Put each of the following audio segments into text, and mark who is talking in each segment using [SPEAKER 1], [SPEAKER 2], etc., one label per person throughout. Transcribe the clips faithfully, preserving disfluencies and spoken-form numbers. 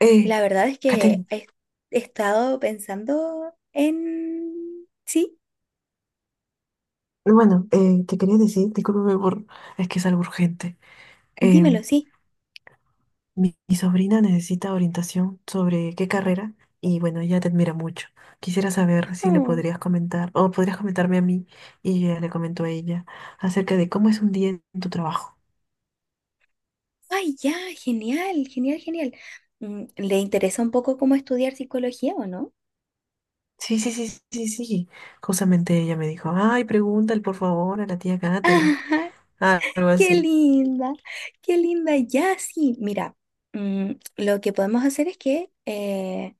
[SPEAKER 1] Eh,
[SPEAKER 2] La verdad es que
[SPEAKER 1] Catherine,
[SPEAKER 2] he he estado pensando en. Sí,
[SPEAKER 1] bueno, eh, te quería decir, discúlpame por, es que es algo urgente. Eh,
[SPEAKER 2] dímelo, sí.
[SPEAKER 1] mi, mi sobrina necesita orientación sobre qué carrera, y bueno, ella te admira mucho. Quisiera saber si le
[SPEAKER 2] Oh,
[SPEAKER 1] podrías comentar o podrías comentarme a mí y yo ya le comento a ella acerca de cómo es un día en tu trabajo.
[SPEAKER 2] ay, ya, genial, genial, genial. Mm, ¿Le interesa un poco cómo estudiar psicología o no?
[SPEAKER 1] Sí, sí, sí, sí, sí. Justamente ella me dijo, ay, pregúntale por favor a la tía Catherine.
[SPEAKER 2] Ajá,
[SPEAKER 1] Ah, algo
[SPEAKER 2] qué
[SPEAKER 1] así.
[SPEAKER 2] linda, qué linda, ya, sí. Mira, mm, lo que podemos hacer es que eh,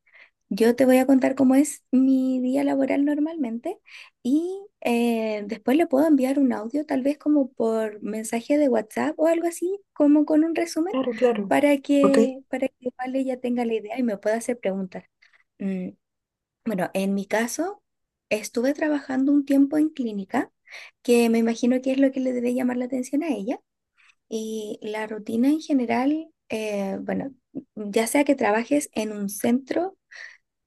[SPEAKER 2] Yo te voy a contar cómo es mi día laboral normalmente y eh, después le puedo enviar un audio, tal vez como por mensaje de WhatsApp o algo así, como con un resumen,
[SPEAKER 1] Claro, claro.
[SPEAKER 2] para
[SPEAKER 1] Ok,
[SPEAKER 2] que, para que Vale ya tenga la idea y me pueda hacer preguntas. Mm, bueno, en mi caso, estuve trabajando un tiempo en clínica, que me imagino que es lo que le debe llamar la atención a ella. Y la rutina en general, eh, bueno, ya sea que trabajes en un centro,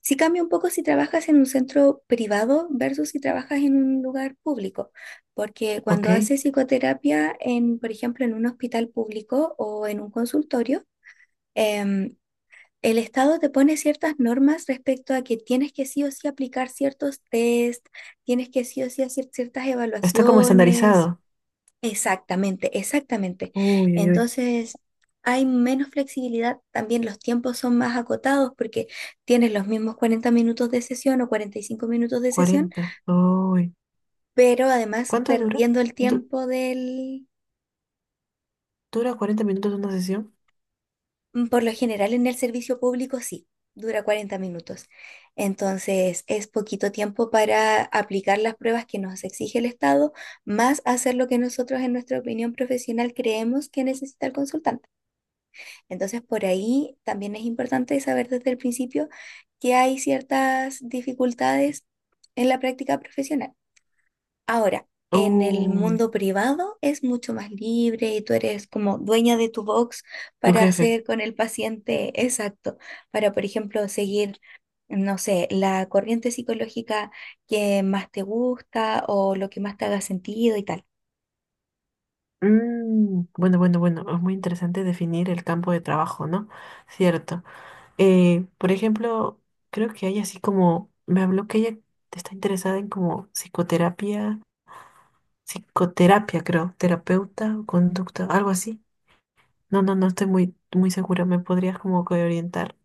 [SPEAKER 2] sí cambia un poco si trabajas en un centro privado versus si trabajas en un lugar público, porque cuando
[SPEAKER 1] ok.
[SPEAKER 2] haces psicoterapia en, por ejemplo, en un hospital público o en un consultorio, em, el Estado te pone ciertas normas respecto a que tienes que sí o sí aplicar ciertos test, tienes que sí o sí hacer ciertas
[SPEAKER 1] Está como
[SPEAKER 2] evaluaciones.
[SPEAKER 1] estandarizado.
[SPEAKER 2] Exactamente, exactamente.
[SPEAKER 1] Uy, uy, uy.
[SPEAKER 2] Entonces, hay menos flexibilidad, también los tiempos son más acotados porque tienes los mismos cuarenta minutos de sesión o cuarenta y cinco minutos de sesión,
[SPEAKER 1] Cuarenta, uy.
[SPEAKER 2] pero además
[SPEAKER 1] ¿Cuánto dura?
[SPEAKER 2] perdiendo el
[SPEAKER 1] Du-
[SPEAKER 2] tiempo del,
[SPEAKER 1] ¿Dura cuarenta minutos una sesión?
[SPEAKER 2] mm, Por lo general en el servicio público sí, dura cuarenta minutos. Entonces, es poquito tiempo para aplicar las pruebas que nos exige el Estado, más hacer lo que nosotros en nuestra opinión profesional creemos que necesita el consultante. Entonces, por ahí también es importante saber desde el principio que hay ciertas dificultades en la práctica profesional. Ahora, en el
[SPEAKER 1] Uy.
[SPEAKER 2] mundo privado es mucho más libre y tú eres como dueña de tu box
[SPEAKER 1] Tu
[SPEAKER 2] para
[SPEAKER 1] jefe.
[SPEAKER 2] hacer con el paciente exacto, para, por ejemplo, seguir, no sé, la corriente psicológica que más te gusta o lo que más te haga sentido y tal.
[SPEAKER 1] Mm, bueno, bueno, bueno. Es muy interesante definir el campo de trabajo, ¿no? Cierto. Eh, por ejemplo, creo que hay así como. Me habló que ella está interesada en como psicoterapia. Psicoterapia, creo. Terapeuta o conducta, algo así. No, no, no estoy muy, muy segura. ¿Me podrías como que orientar?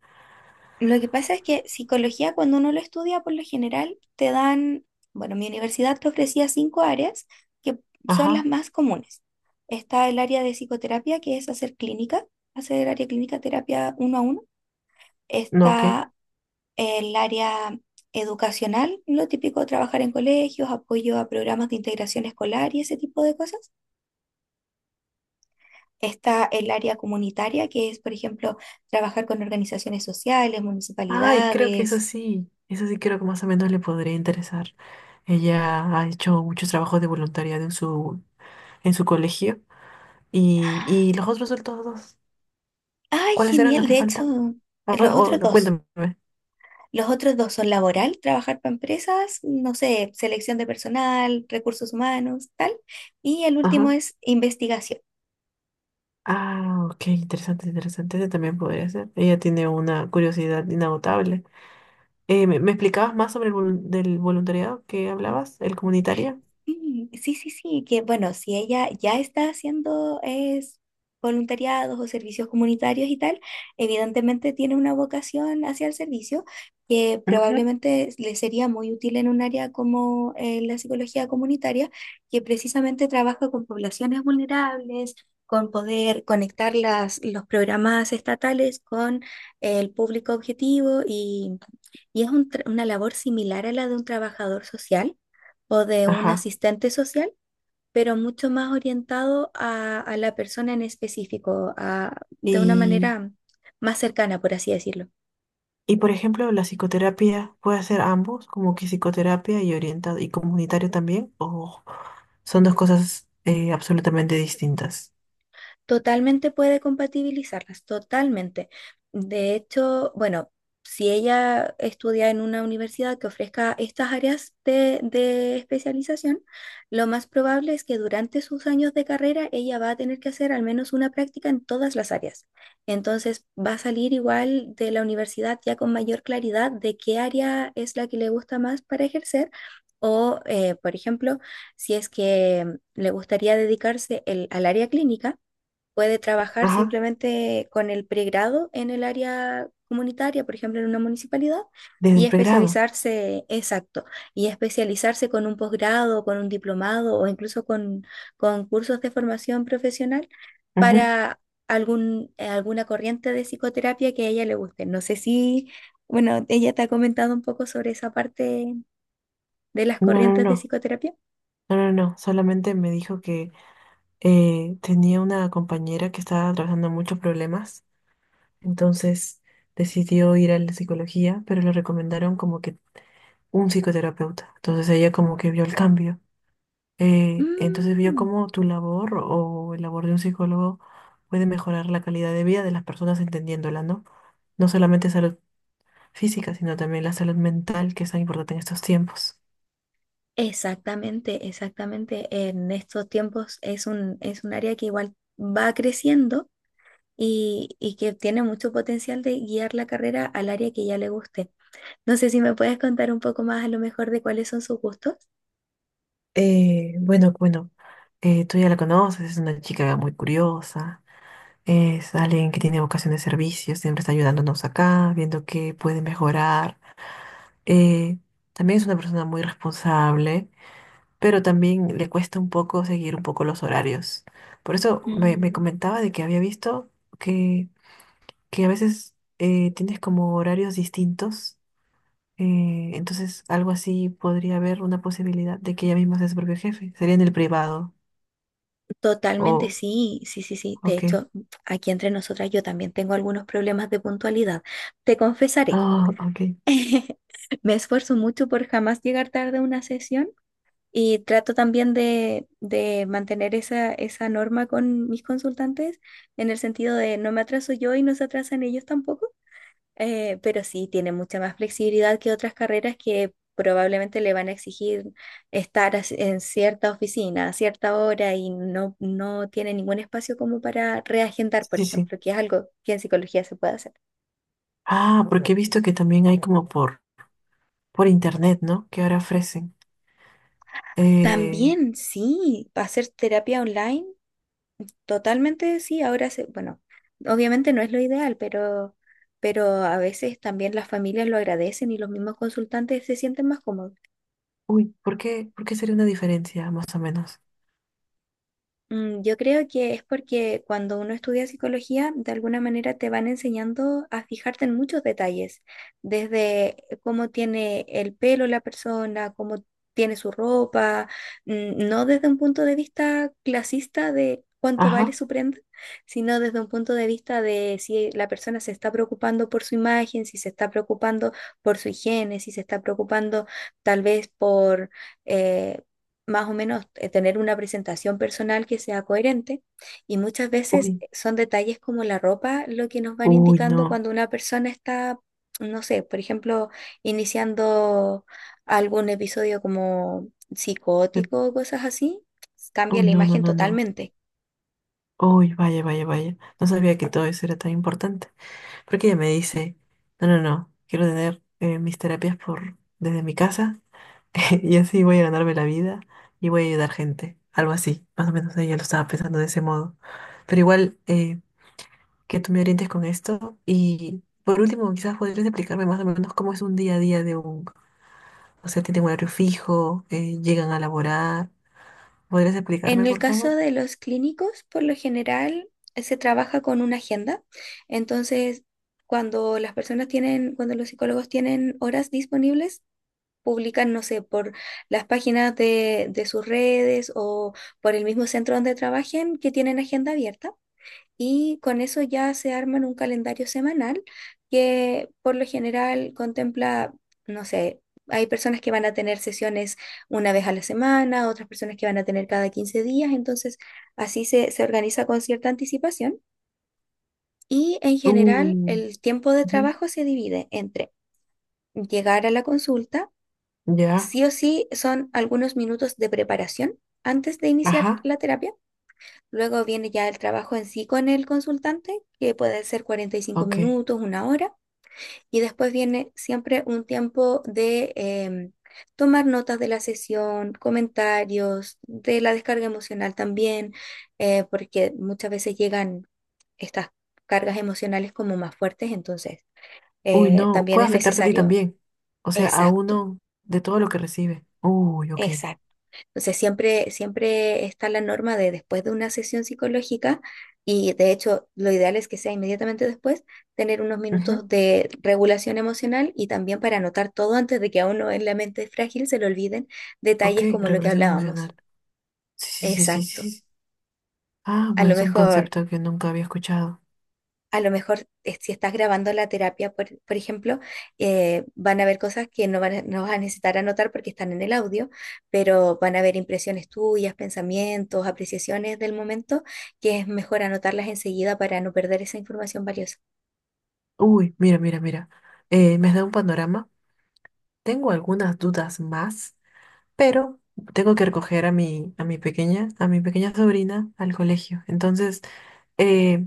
[SPEAKER 2] Lo que pasa es que psicología, cuando uno lo estudia, por lo general te dan, bueno, mi universidad te ofrecía cinco áreas que son las
[SPEAKER 1] Ajá.
[SPEAKER 2] más comunes. Está el área de psicoterapia, que es hacer clínica, hacer área clínica, terapia uno a uno.
[SPEAKER 1] No, ok.
[SPEAKER 2] Está el área educacional, lo típico, trabajar en colegios, apoyo a programas de integración escolar y ese tipo de cosas. Está el área comunitaria, que es, por ejemplo, trabajar con organizaciones sociales,
[SPEAKER 1] Ay, creo que es
[SPEAKER 2] municipalidades.
[SPEAKER 1] así. Es así, creo que más o menos le podría interesar. Ella ha hecho muchos trabajos de voluntariado en su, en su colegio. Y, y los otros resultados,
[SPEAKER 2] Ay,
[SPEAKER 1] ¿cuáles eran los
[SPEAKER 2] genial.
[SPEAKER 1] que
[SPEAKER 2] De hecho,
[SPEAKER 1] faltan? A ver,
[SPEAKER 2] los
[SPEAKER 1] o-
[SPEAKER 2] otros
[SPEAKER 1] no,
[SPEAKER 2] dos.
[SPEAKER 1] cuéntame.
[SPEAKER 2] Los otros dos son laboral, trabajar para empresas, no sé, selección de personal, recursos humanos, tal. Y el último
[SPEAKER 1] Ajá.
[SPEAKER 2] es investigación.
[SPEAKER 1] Ah, ok, interesante, interesante. Ese también podría ser. Ella tiene una curiosidad inagotable. Eh, ¿me, me explicabas más sobre el volun- del voluntariado que hablabas, el comunitario?
[SPEAKER 2] Mm, sí, sí, sí, que bueno, si ella ya está haciendo es, voluntariados o servicios comunitarios y tal, evidentemente tiene una vocación hacia el servicio que
[SPEAKER 1] Ujú.
[SPEAKER 2] probablemente le sería muy útil en un área como eh, la psicología comunitaria, que precisamente trabaja con poblaciones vulnerables, con poder conectar las, los programas estatales con el público objetivo y, y es un tra- una labor similar a la de un trabajador social o de un
[SPEAKER 1] Ajá.
[SPEAKER 2] asistente social, pero mucho más orientado a, a la persona en específico, a- de una
[SPEAKER 1] Y.
[SPEAKER 2] manera más cercana, por así decirlo.
[SPEAKER 1] Y por ejemplo, la psicoterapia puede hacer ambos, como que psicoterapia y orientado y comunitario también, o son dos cosas eh, absolutamente distintas.
[SPEAKER 2] Totalmente puede compatibilizarlas, totalmente. De hecho, bueno, si ella estudia en una universidad que ofrezca estas áreas de, de especialización, lo más probable es que durante sus años de carrera ella va a tener que hacer al menos una práctica en todas las áreas. Entonces va a salir igual de la universidad ya con mayor claridad de qué área es la que le gusta más para ejercer. O, eh, por ejemplo, si es que le gustaría dedicarse el- al área clínica puede trabajar
[SPEAKER 1] Ajá,
[SPEAKER 2] simplemente con el pregrado en el área comunitaria, por ejemplo, en una municipalidad,
[SPEAKER 1] desde
[SPEAKER 2] y
[SPEAKER 1] el pregrado.
[SPEAKER 2] especializarse, exacto, y especializarse con un posgrado, con un diplomado o incluso con, con cursos de formación profesional
[SPEAKER 1] Ujú.
[SPEAKER 2] para algún, eh, alguna corriente de psicoterapia que a ella le guste. No sé si, bueno, ella te ha comentado un poco sobre esa parte de las
[SPEAKER 1] No, no,
[SPEAKER 2] corrientes de
[SPEAKER 1] no,
[SPEAKER 2] psicoterapia.
[SPEAKER 1] no, no, no. Solamente me dijo que eh, tenía una compañera que estaba atravesando muchos problemas, entonces decidió ir a la psicología, pero le recomendaron como que un psicoterapeuta. Entonces ella como que vio el cambio. Eh, entonces vio
[SPEAKER 2] Mm.
[SPEAKER 1] cómo tu labor o el labor de un psicólogo puede mejorar la calidad de vida de las personas entendiéndola, ¿no? No solamente salud física, sino también la salud mental, que es tan importante en estos tiempos.
[SPEAKER 2] Exactamente, exactamente. En estos tiempos es un, es un área que igual va creciendo y, y que tiene mucho potencial de guiar la carrera al área que ya le guste. No sé si me puedes contar un poco más a lo mejor de cuáles son sus gustos.
[SPEAKER 1] Eh, bueno, bueno, eh, tú ya la conoces, es una chica muy curiosa, es alguien que tiene vocación de servicio, siempre está ayudándonos acá, viendo qué puede mejorar. Eh, También es una persona muy responsable, pero también le cuesta un poco seguir un poco los horarios. Por eso me, me
[SPEAKER 2] Mm,
[SPEAKER 1] comentaba de que había visto que, que a veces eh, tienes como horarios distintos, eh, entonces algo así podría haber una posibilidad de que ella misma sea su propio jefe, sería en el privado,
[SPEAKER 2] Totalmente,
[SPEAKER 1] o,
[SPEAKER 2] sí, sí, sí, sí. De
[SPEAKER 1] ok,
[SPEAKER 2] hecho, aquí entre nosotras yo también tengo algunos problemas de puntualidad. Te confesaré.
[SPEAKER 1] ah, ok,
[SPEAKER 2] Me esfuerzo mucho por jamás llegar tarde a una sesión. Y trato también de, de mantener esa, esa norma con mis consultantes, en el sentido de no me atraso yo y no se atrasan ellos tampoco, eh, pero sí tiene mucha más flexibilidad que otras carreras que probablemente le van a exigir estar as- en cierta oficina a cierta hora y no, no tiene ningún espacio como para reagendar,
[SPEAKER 1] sí,
[SPEAKER 2] por
[SPEAKER 1] sí, sí.
[SPEAKER 2] ejemplo, que es algo que en psicología se puede hacer.
[SPEAKER 1] Ah, porque he visto que también hay como por, por internet, ¿no? Que ahora ofrecen. Eh,
[SPEAKER 2] También sí, hacer terapia online. Totalmente sí, ahora se, bueno, obviamente no es lo ideal, pero, pero a veces también las familias lo agradecen y los mismos consultantes se sienten más cómodos.
[SPEAKER 1] uy, ¿por qué, por qué sería una diferencia, más o menos?
[SPEAKER 2] Mm, Yo creo que es porque cuando uno estudia psicología, de alguna manera te van enseñando a fijarte en muchos detalles, desde cómo tiene el pelo la persona, cómo tiene su ropa, mm, no desde un punto de vista clasista de cuánto vale
[SPEAKER 1] Ajá,
[SPEAKER 2] su prenda, sino desde un punto de vista de si la persona se está preocupando por su imagen, si se está preocupando por su higiene, si se está preocupando tal vez por eh, más o menos eh, tener una presentación personal que sea coherente y muchas veces
[SPEAKER 1] uy,
[SPEAKER 2] eh, son detalles como la ropa lo que nos van
[SPEAKER 1] uy,
[SPEAKER 2] indicando
[SPEAKER 1] no.
[SPEAKER 2] cuando una persona está, no sé, por ejemplo, iniciando algún episodio como psicótico o cosas así, cambia
[SPEAKER 1] Uy,
[SPEAKER 2] la
[SPEAKER 1] no, no,
[SPEAKER 2] imagen
[SPEAKER 1] no, no.
[SPEAKER 2] totalmente.
[SPEAKER 1] Uy, vaya, vaya, vaya. No sabía que todo eso era tan importante. Porque ella me dice, no, no, no, quiero tener eh, mis terapias por desde mi casa y así voy a ganarme la vida y voy a ayudar gente. Algo así. Más o menos ella lo estaba pensando de ese modo. Pero igual, eh, que tú me orientes con esto y por último, quizás podrías explicarme más o menos cómo es un día a día de un, o sea, tienen un horario fijo, eh, llegan a laborar. ¿Podrías
[SPEAKER 2] En
[SPEAKER 1] explicarme,
[SPEAKER 2] el
[SPEAKER 1] por
[SPEAKER 2] caso
[SPEAKER 1] favor?
[SPEAKER 2] de los clínicos, por lo general eh, se trabaja con una agenda, entonces. Cuando las personas tienen, cuando los psicólogos tienen horas disponibles, publican, no sé, por las páginas de, de sus redes o por el mismo centro donde trabajen que tienen agenda abierta. Y con eso ya se arman un calendario semanal que por lo general contempla, no sé, hay personas que van a tener sesiones una vez a la semana, otras personas que van a tener cada quince días, entonces así se, se organiza con cierta anticipación. Y en general
[SPEAKER 1] Uh,
[SPEAKER 2] el tiempo de
[SPEAKER 1] ujú.
[SPEAKER 2] trabajo se divide entre llegar a la consulta.
[SPEAKER 1] Ya.
[SPEAKER 2] Sí o sí son algunos minutos de preparación antes de iniciar
[SPEAKER 1] Ajá,
[SPEAKER 2] la terapia. Luego viene ya el trabajo en sí con el consultante, que puede ser cuarenta y cinco
[SPEAKER 1] ok.
[SPEAKER 2] minutos, una hora. Y después viene siempre un tiempo de em, tomar notas de la sesión, comentarios, de la descarga emocional también, eh, porque muchas veces llegan estas cargas emocionales como más fuertes, entonces
[SPEAKER 1] Uy,
[SPEAKER 2] eh,
[SPEAKER 1] no,
[SPEAKER 2] también
[SPEAKER 1] puede
[SPEAKER 2] es
[SPEAKER 1] afectarte a ti
[SPEAKER 2] necesario.
[SPEAKER 1] también. O sea, a
[SPEAKER 2] Exacto,
[SPEAKER 1] uno de todo lo que recibe. Uy, ok.
[SPEAKER 2] exacto. Entonces, siempre, siempre está la norma de después de una sesión psicológica, y de hecho lo ideal es que sea inmediatamente después, tener unos minutos
[SPEAKER 1] Ujú,
[SPEAKER 2] de regulación emocional y también para anotar todo antes de que a uno en la mente frágil se le olviden
[SPEAKER 1] ok,
[SPEAKER 2] detalles como lo que
[SPEAKER 1] regulación
[SPEAKER 2] hablábamos.
[SPEAKER 1] emocional. Sí, sí, sí, sí,
[SPEAKER 2] Exacto.
[SPEAKER 1] sí, sí. Ah,
[SPEAKER 2] A
[SPEAKER 1] bueno,
[SPEAKER 2] lo
[SPEAKER 1] es un
[SPEAKER 2] mejor
[SPEAKER 1] concepto que nunca había escuchado.
[SPEAKER 2] A lo mejor, eh, si estás grabando la terapia, por, por ejemplo, eh, van a haber cosas que no, van a- no vas a necesitar anotar porque están en el audio, pero van a haber impresiones tuyas, pensamientos, apreciaciones del momento, que es mejor anotarlas enseguida para no perder esa información valiosa.
[SPEAKER 1] Uy, mira, mira, mira. Eh, me has dado un panorama. Tengo algunas dudas más, pero tengo que recoger a mi, a mi pequeña, a mi pequeña sobrina al colegio. Entonces, eh,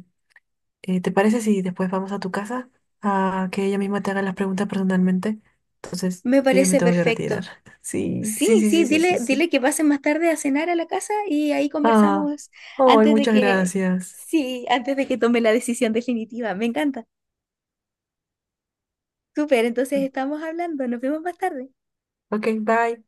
[SPEAKER 1] Eh, ¿te parece si después vamos a tu casa a que ella misma te haga las preguntas personalmente? Entonces,
[SPEAKER 2] Me
[SPEAKER 1] yo ya me
[SPEAKER 2] parece
[SPEAKER 1] tengo que retirar.
[SPEAKER 2] perfecto.
[SPEAKER 1] Sí,
[SPEAKER 2] Sí,
[SPEAKER 1] sí, sí,
[SPEAKER 2] sí,
[SPEAKER 1] sí, sí, sí,
[SPEAKER 2] dile,
[SPEAKER 1] sí.
[SPEAKER 2] dile que pasen más tarde a cenar a la casa y ahí
[SPEAKER 1] Ah,
[SPEAKER 2] conversamos
[SPEAKER 1] ay,
[SPEAKER 2] antes de
[SPEAKER 1] muchas
[SPEAKER 2] que,
[SPEAKER 1] gracias.
[SPEAKER 2] sí, antes de que tome la decisión definitiva. Me encanta. Súper, entonces estamos hablando. Nos vemos más tarde.
[SPEAKER 1] Ok, bye.